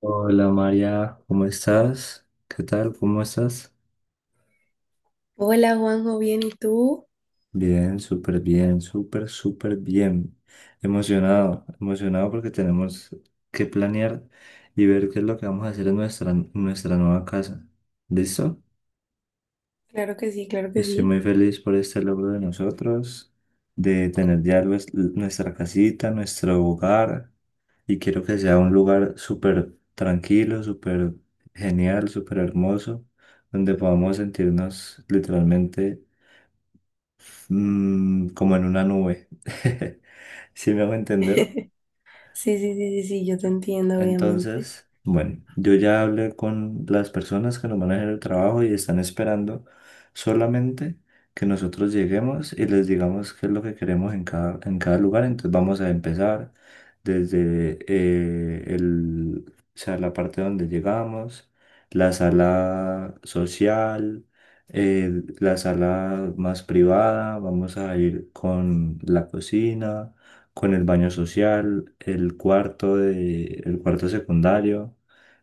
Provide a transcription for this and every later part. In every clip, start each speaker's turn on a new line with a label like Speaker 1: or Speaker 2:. Speaker 1: Hola María, ¿cómo estás? ¿Qué tal? ¿Cómo estás?
Speaker 2: Hola Juanjo, ¿bien y tú?
Speaker 1: Bien, súper, súper bien. Emocionado, emocionado porque tenemos que planear y ver qué es lo que vamos a hacer en nuestra nueva casa. ¿Listo?
Speaker 2: Claro que sí, claro que
Speaker 1: Estoy
Speaker 2: sí.
Speaker 1: muy feliz por este logro de nosotros, de tener ya nuestra casita, nuestro hogar. Y quiero que sea un lugar súper tranquilo, súper genial, súper hermoso, donde podamos sentirnos literalmente como en una nube. ¿Sí me hago entender?
Speaker 2: Sí, sí, sí, sí, sí, yo te entiendo, obviamente.
Speaker 1: Entonces, bueno, yo ya hablé con las personas que nos manejan el trabajo y están esperando solamente que nosotros lleguemos y les digamos qué es lo que queremos en cada lugar. Entonces vamos a empezar desde la parte donde llegamos, la sala social, la sala más privada, vamos a ir con la cocina, con el baño social, el cuarto secundario,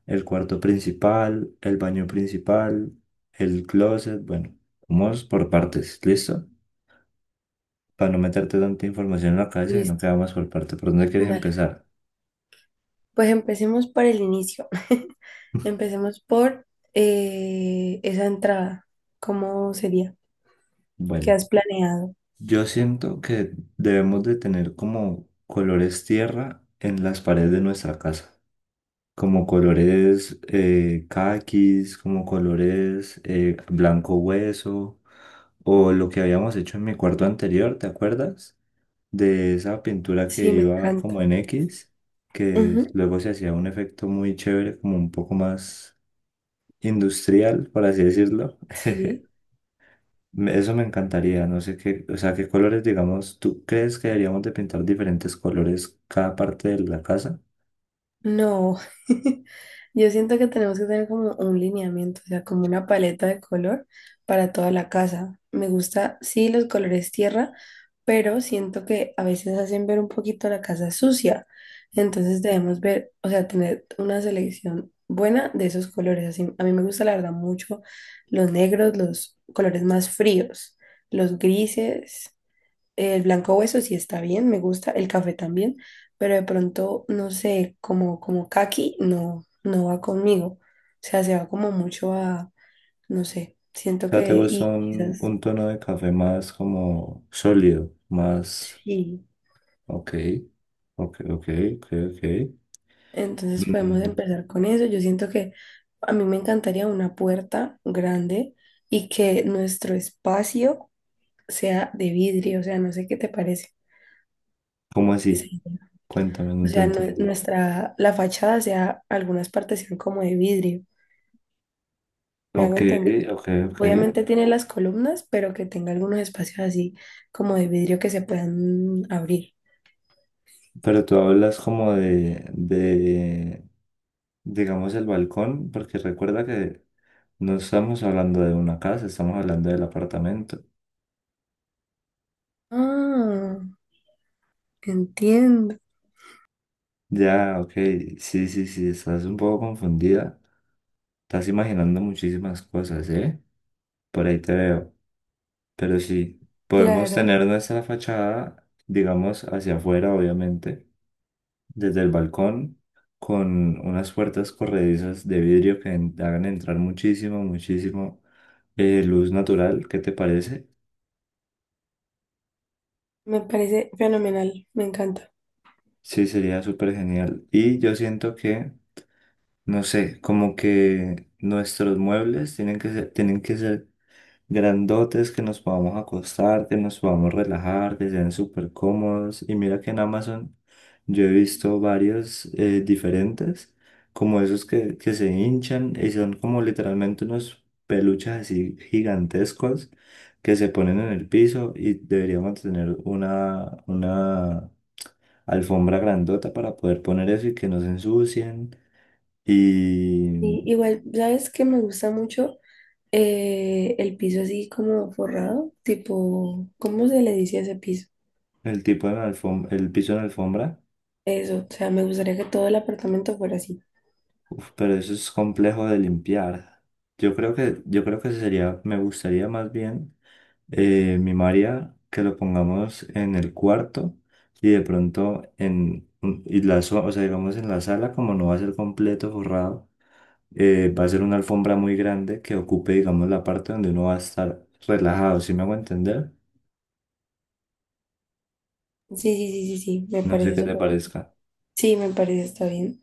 Speaker 1: el cuarto principal, el baño principal, el closet, bueno, vamos por partes, ¿listo? Para no meterte tanta información en la cabeza, sino que
Speaker 2: Listo,
Speaker 1: vamos por parte. ¿Por dónde quieres
Speaker 2: dale.
Speaker 1: empezar?
Speaker 2: Pues empecemos por el inicio. Empecemos por esa entrada. ¿Cómo sería? ¿Qué
Speaker 1: Bueno,
Speaker 2: has planeado?
Speaker 1: yo siento que debemos de tener como colores tierra en las paredes de nuestra casa. Como colores caquis, como colores blanco hueso, o lo que habíamos hecho en mi cuarto anterior, ¿te acuerdas? De esa pintura que
Speaker 2: Sí, me
Speaker 1: iba como
Speaker 2: encanta.
Speaker 1: en X, que
Speaker 2: Ujú.
Speaker 1: luego se hacía un efecto muy chévere, como un poco más industrial, por así decirlo.
Speaker 2: Sí.
Speaker 1: Eso me encantaría, no sé qué, o sea, qué colores, digamos, ¿tú crees que deberíamos de pintar diferentes colores cada parte de la casa?
Speaker 2: No, yo siento que tenemos que tener como un lineamiento, o sea, como una paleta de color para toda la casa. Me gusta, sí, los colores tierra, pero siento que a veces hacen ver un poquito la casa sucia. Entonces debemos ver, o sea, tener una selección buena de esos colores. Así, a mí me gusta, la verdad, mucho los negros, los colores más fríos, los grises. El blanco hueso sí está bien, me gusta, el café también, pero de pronto, no sé, como, como caqui no va conmigo. O sea, se va como mucho a, no sé,
Speaker 1: O
Speaker 2: siento
Speaker 1: sea, te
Speaker 2: que,
Speaker 1: gusta
Speaker 2: y
Speaker 1: un,
Speaker 2: quizás
Speaker 1: un tono de café más como sólido, más...
Speaker 2: sí.
Speaker 1: Ok, ok, ok, ok, ok.
Speaker 2: Entonces podemos
Speaker 1: Mm,
Speaker 2: empezar con eso. Yo siento que a mí me encantaría una puerta grande y que nuestro espacio sea de vidrio, o sea, no sé qué te parece
Speaker 1: ¿cómo
Speaker 2: esa
Speaker 1: así?
Speaker 2: idea.
Speaker 1: Cuéntame,
Speaker 2: O
Speaker 1: no te
Speaker 2: sea,
Speaker 1: entendí.
Speaker 2: nuestra, la fachada sea, algunas partes sean como de vidrio. ¿Me hago
Speaker 1: Ok,
Speaker 2: entender?
Speaker 1: ok, ok.
Speaker 2: Obviamente tiene las columnas, pero que tenga algunos espacios así como de vidrio que se puedan abrir.
Speaker 1: Pero tú hablas como digamos, el balcón, porque recuerda que no estamos hablando de una casa, estamos hablando del apartamento.
Speaker 2: Ah, entiendo.
Speaker 1: Ya, ok, sí, sí, sí, estás un poco confundida. Estás imaginando muchísimas cosas, ¿eh? Por ahí te veo. Pero sí, podemos
Speaker 2: Claro,
Speaker 1: tener nuestra fachada, digamos, hacia afuera, obviamente, desde el balcón, con unas puertas corredizas de vidrio que hagan entrar muchísimo, muchísimo luz natural. ¿Qué te parece?
Speaker 2: me parece fenomenal, me encanta.
Speaker 1: Sí, sería súper genial. Y yo siento que, no sé, como que nuestros muebles tienen que ser grandotes, que nos podamos acostar, que nos podamos relajar, que sean súper cómodos. Y mira que en Amazon yo he visto varios diferentes, como esos que se hinchan y son como literalmente unos peluches así gigantescos que se ponen en el piso, y deberíamos tener una alfombra grandota para poder poner eso y que no se ensucien. Y
Speaker 2: Y igual, ¿sabes qué me gusta mucho? El piso así como forrado, tipo, ¿cómo se le dice a ese piso?
Speaker 1: el tipo de alfombra, el piso en alfombra.
Speaker 2: Eso, o sea, me gustaría que todo el apartamento fuera así.
Speaker 1: Uf, pero eso es complejo de limpiar. Yo creo que sería, me gustaría más bien, mi María, que lo pongamos en el cuarto y de pronto en y o sea, digamos en la sala, como no va a ser completo forrado, va a ser una alfombra muy grande que ocupe, digamos, la parte donde uno va a estar relajado, ¿si me hago entender?
Speaker 2: Sí, sí, sí, sí, sí, me
Speaker 1: No sé
Speaker 2: parece
Speaker 1: qué te
Speaker 2: súper bien.
Speaker 1: parezca.
Speaker 2: Sí, me parece está bien.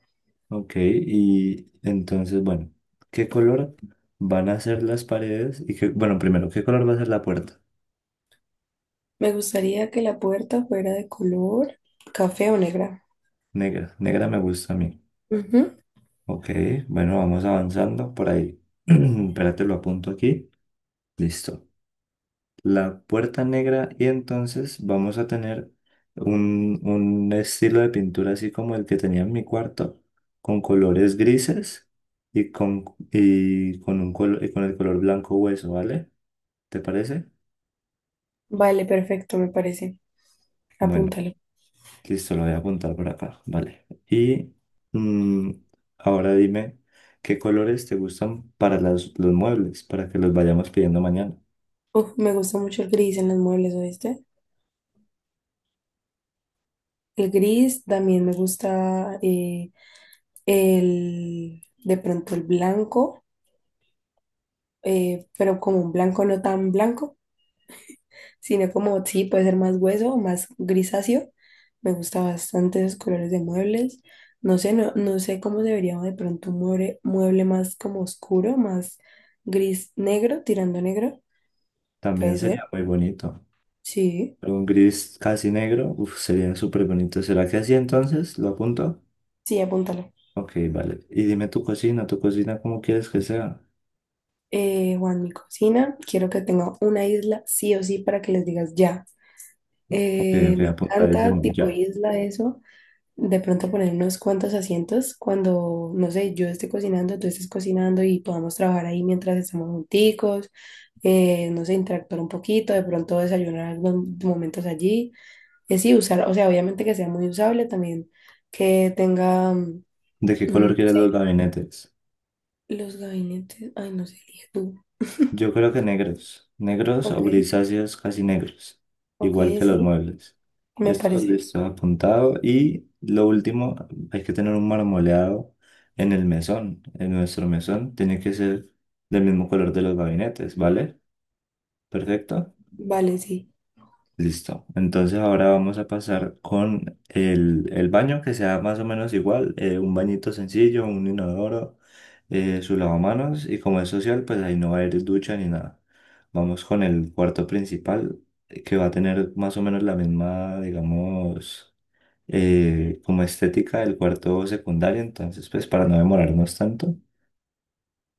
Speaker 1: Ok, y entonces, bueno, ¿qué color van a ser las paredes? Y qué, bueno, primero, ¿qué color va a ser la puerta?
Speaker 2: Me gustaría que la puerta fuera de color café o negra.
Speaker 1: Negra, negra me gusta a mí.
Speaker 2: Ujú.
Speaker 1: Ok, bueno, vamos avanzando por ahí. Espérate, lo apunto aquí. Listo. La puerta negra, y entonces vamos a tener un estilo de pintura así como el que tenía en mi cuarto, con colores grises y con, y con el color blanco hueso, ¿vale? ¿Te parece?
Speaker 2: Vale, perfecto, me parece.
Speaker 1: Bueno.
Speaker 2: Apúntalo.
Speaker 1: Listo, lo voy a apuntar por acá. Vale. Y mm, ahora dime, ¿qué colores te gustan para los muebles? Para que los vayamos pidiendo mañana.
Speaker 2: Uf, me gusta mucho el gris en los muebles, ¿oíste? El gris también me gusta el, de pronto el blanco, pero como un blanco no tan blanco, sino como sí, puede ser más hueso más grisáceo. Me gusta bastante esos colores de muebles. No sé, no, no sé cómo debería de pronto un mueble, mueble más como oscuro, más gris negro, tirando a negro.
Speaker 1: También
Speaker 2: Puede ser.
Speaker 1: sería muy bonito.
Speaker 2: Sí,
Speaker 1: Pero un gris casi negro, uf, sería súper bonito. ¿Será que así entonces? ¿Lo apunto?
Speaker 2: sí, apúntalo.
Speaker 1: Ok, vale. Y dime, tu cocina, ¿cómo quieres que sea?
Speaker 2: Juan, mi cocina, quiero que tenga una isla sí o sí para que les digas ya.
Speaker 1: Ok, ok,
Speaker 2: Me encanta,
Speaker 1: apuntadísimo,
Speaker 2: tipo
Speaker 1: ya.
Speaker 2: isla, eso. De pronto poner unos cuantos asientos cuando, no sé, yo esté cocinando, tú estés cocinando y podamos trabajar ahí mientras estamos junticos. No sé, interactuar un poquito, de pronto desayunar algunos momentos allí. Es sí, usar, o sea, obviamente que sea muy usable también, que tenga,
Speaker 1: ¿De qué
Speaker 2: no
Speaker 1: color quieres
Speaker 2: sé,
Speaker 1: los gabinetes?
Speaker 2: los gabinetes. Ay, no sé, elige tú.
Speaker 1: Yo creo que negros, negros o
Speaker 2: Ok,
Speaker 1: grisáceos casi negros,
Speaker 2: ok,
Speaker 1: igual que los
Speaker 2: sí.
Speaker 1: muebles.
Speaker 2: Me
Speaker 1: Esto le
Speaker 2: parece.
Speaker 1: está apuntado. Y lo último, hay que tener un marmoleado en el mesón. En nuestro mesón tiene que ser del mismo color de los gabinetes, ¿vale? Perfecto.
Speaker 2: Vale, sí,
Speaker 1: Listo. Entonces ahora vamos a pasar con el baño, que sea más o menos igual, un bañito sencillo, un inodoro, su lavamanos, y como es social, pues ahí no va a haber ducha ni nada. Vamos con el cuarto principal, que va a tener más o menos la misma, digamos, como estética del cuarto secundario, entonces pues para no demorarnos tanto.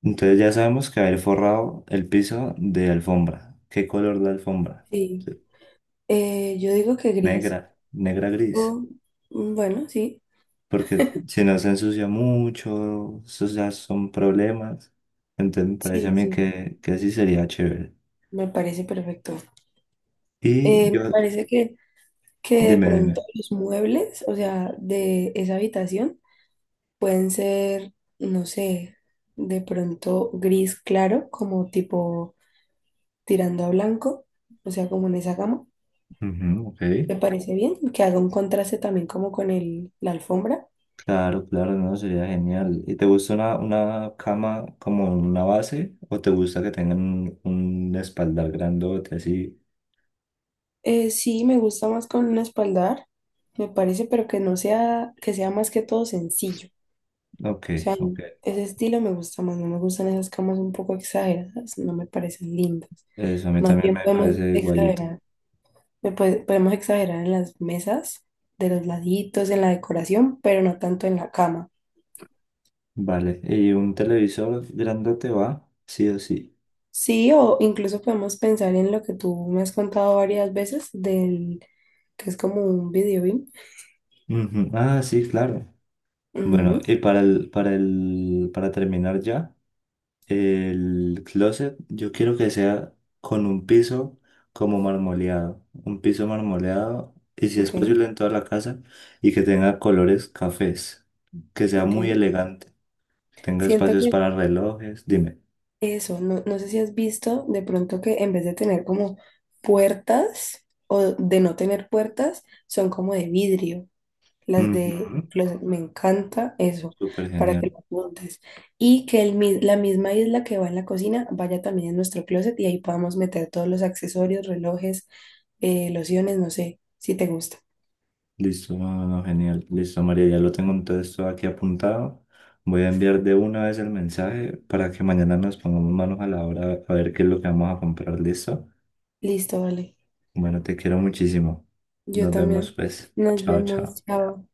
Speaker 1: Entonces ya sabemos que va a ir forrado el piso de alfombra. ¿Qué color la alfombra?
Speaker 2: sí.
Speaker 1: Sí.
Speaker 2: Yo digo que gris.
Speaker 1: Negra, negra gris.
Speaker 2: O, bueno, sí,
Speaker 1: Porque si no se ensucia mucho, esos ya son problemas. Entonces me parece
Speaker 2: sí, sí,
Speaker 1: a mí
Speaker 2: sí,
Speaker 1: que sí sería chévere.
Speaker 2: me parece perfecto.
Speaker 1: Y
Speaker 2: Me
Speaker 1: yo,
Speaker 2: parece que de
Speaker 1: dime,
Speaker 2: pronto
Speaker 1: dime.
Speaker 2: los muebles, o sea, de esa habitación, pueden ser, no sé, de pronto gris claro, como tipo tirando a blanco, o sea, como en esa gama.
Speaker 1: Ujú, ok.
Speaker 2: Me parece bien que haga un contraste también como con el, la alfombra.
Speaker 1: Claro, claro, no, sería genial. ¿Y te gusta una cama como una base, o te gusta que tengan un espaldar grandote así?
Speaker 2: Sí, me gusta más con un espaldar, me parece, pero que no sea, que sea más que todo sencillo.
Speaker 1: Ok,
Speaker 2: O sea,
Speaker 1: ok.
Speaker 2: ese estilo me gusta más, no me gustan esas camas un poco exageradas, no me parecen lindas.
Speaker 1: Eso a mí
Speaker 2: Más
Speaker 1: también
Speaker 2: bien
Speaker 1: me
Speaker 2: podemos
Speaker 1: parece igualito.
Speaker 2: exagerar, podemos exagerar en las mesas, de los laditos, en la decoración, pero no tanto en la cama.
Speaker 1: Vale, ¿y un televisor grandote va? Sí o sí.
Speaker 2: Sí, o incluso podemos pensar en lo que tú me has contado varias veces del que es como un video beam.
Speaker 1: Ujú. Ah, sí, claro. Bueno,
Speaker 2: Ujú,
Speaker 1: y para terminar ya, el closet yo quiero que sea con un piso como marmoleado, un piso marmoleado y si es
Speaker 2: ok,
Speaker 1: posible en toda la casa, y que tenga colores cafés, que sea
Speaker 2: ok.
Speaker 1: muy elegante, que tenga
Speaker 2: Siento
Speaker 1: espacios
Speaker 2: que
Speaker 1: para relojes, dime.
Speaker 2: eso, no, no sé si has visto de pronto que en vez de tener como puertas o de no tener puertas, son como de vidrio. Las de
Speaker 1: Ujú,
Speaker 2: los, me encanta eso,
Speaker 1: súper
Speaker 2: para que
Speaker 1: genial.
Speaker 2: lo apuntes. Y que el, la misma isla que va en la cocina vaya también en nuestro closet y ahí podamos meter todos los accesorios, relojes, lociones, no sé, si te gusta.
Speaker 1: Listo, no, no, no, genial. Listo, María, ya lo tengo entonces todo aquí apuntado. Voy a enviar de una vez el mensaje para que mañana nos pongamos manos a la obra a ver qué es lo que vamos a comprar. ¿Listo?
Speaker 2: Listo, vale.
Speaker 1: Bueno, te quiero muchísimo.
Speaker 2: Yo
Speaker 1: Nos vemos
Speaker 2: también.
Speaker 1: pues.
Speaker 2: Nos
Speaker 1: Chao, chao.
Speaker 2: vemos. Chao.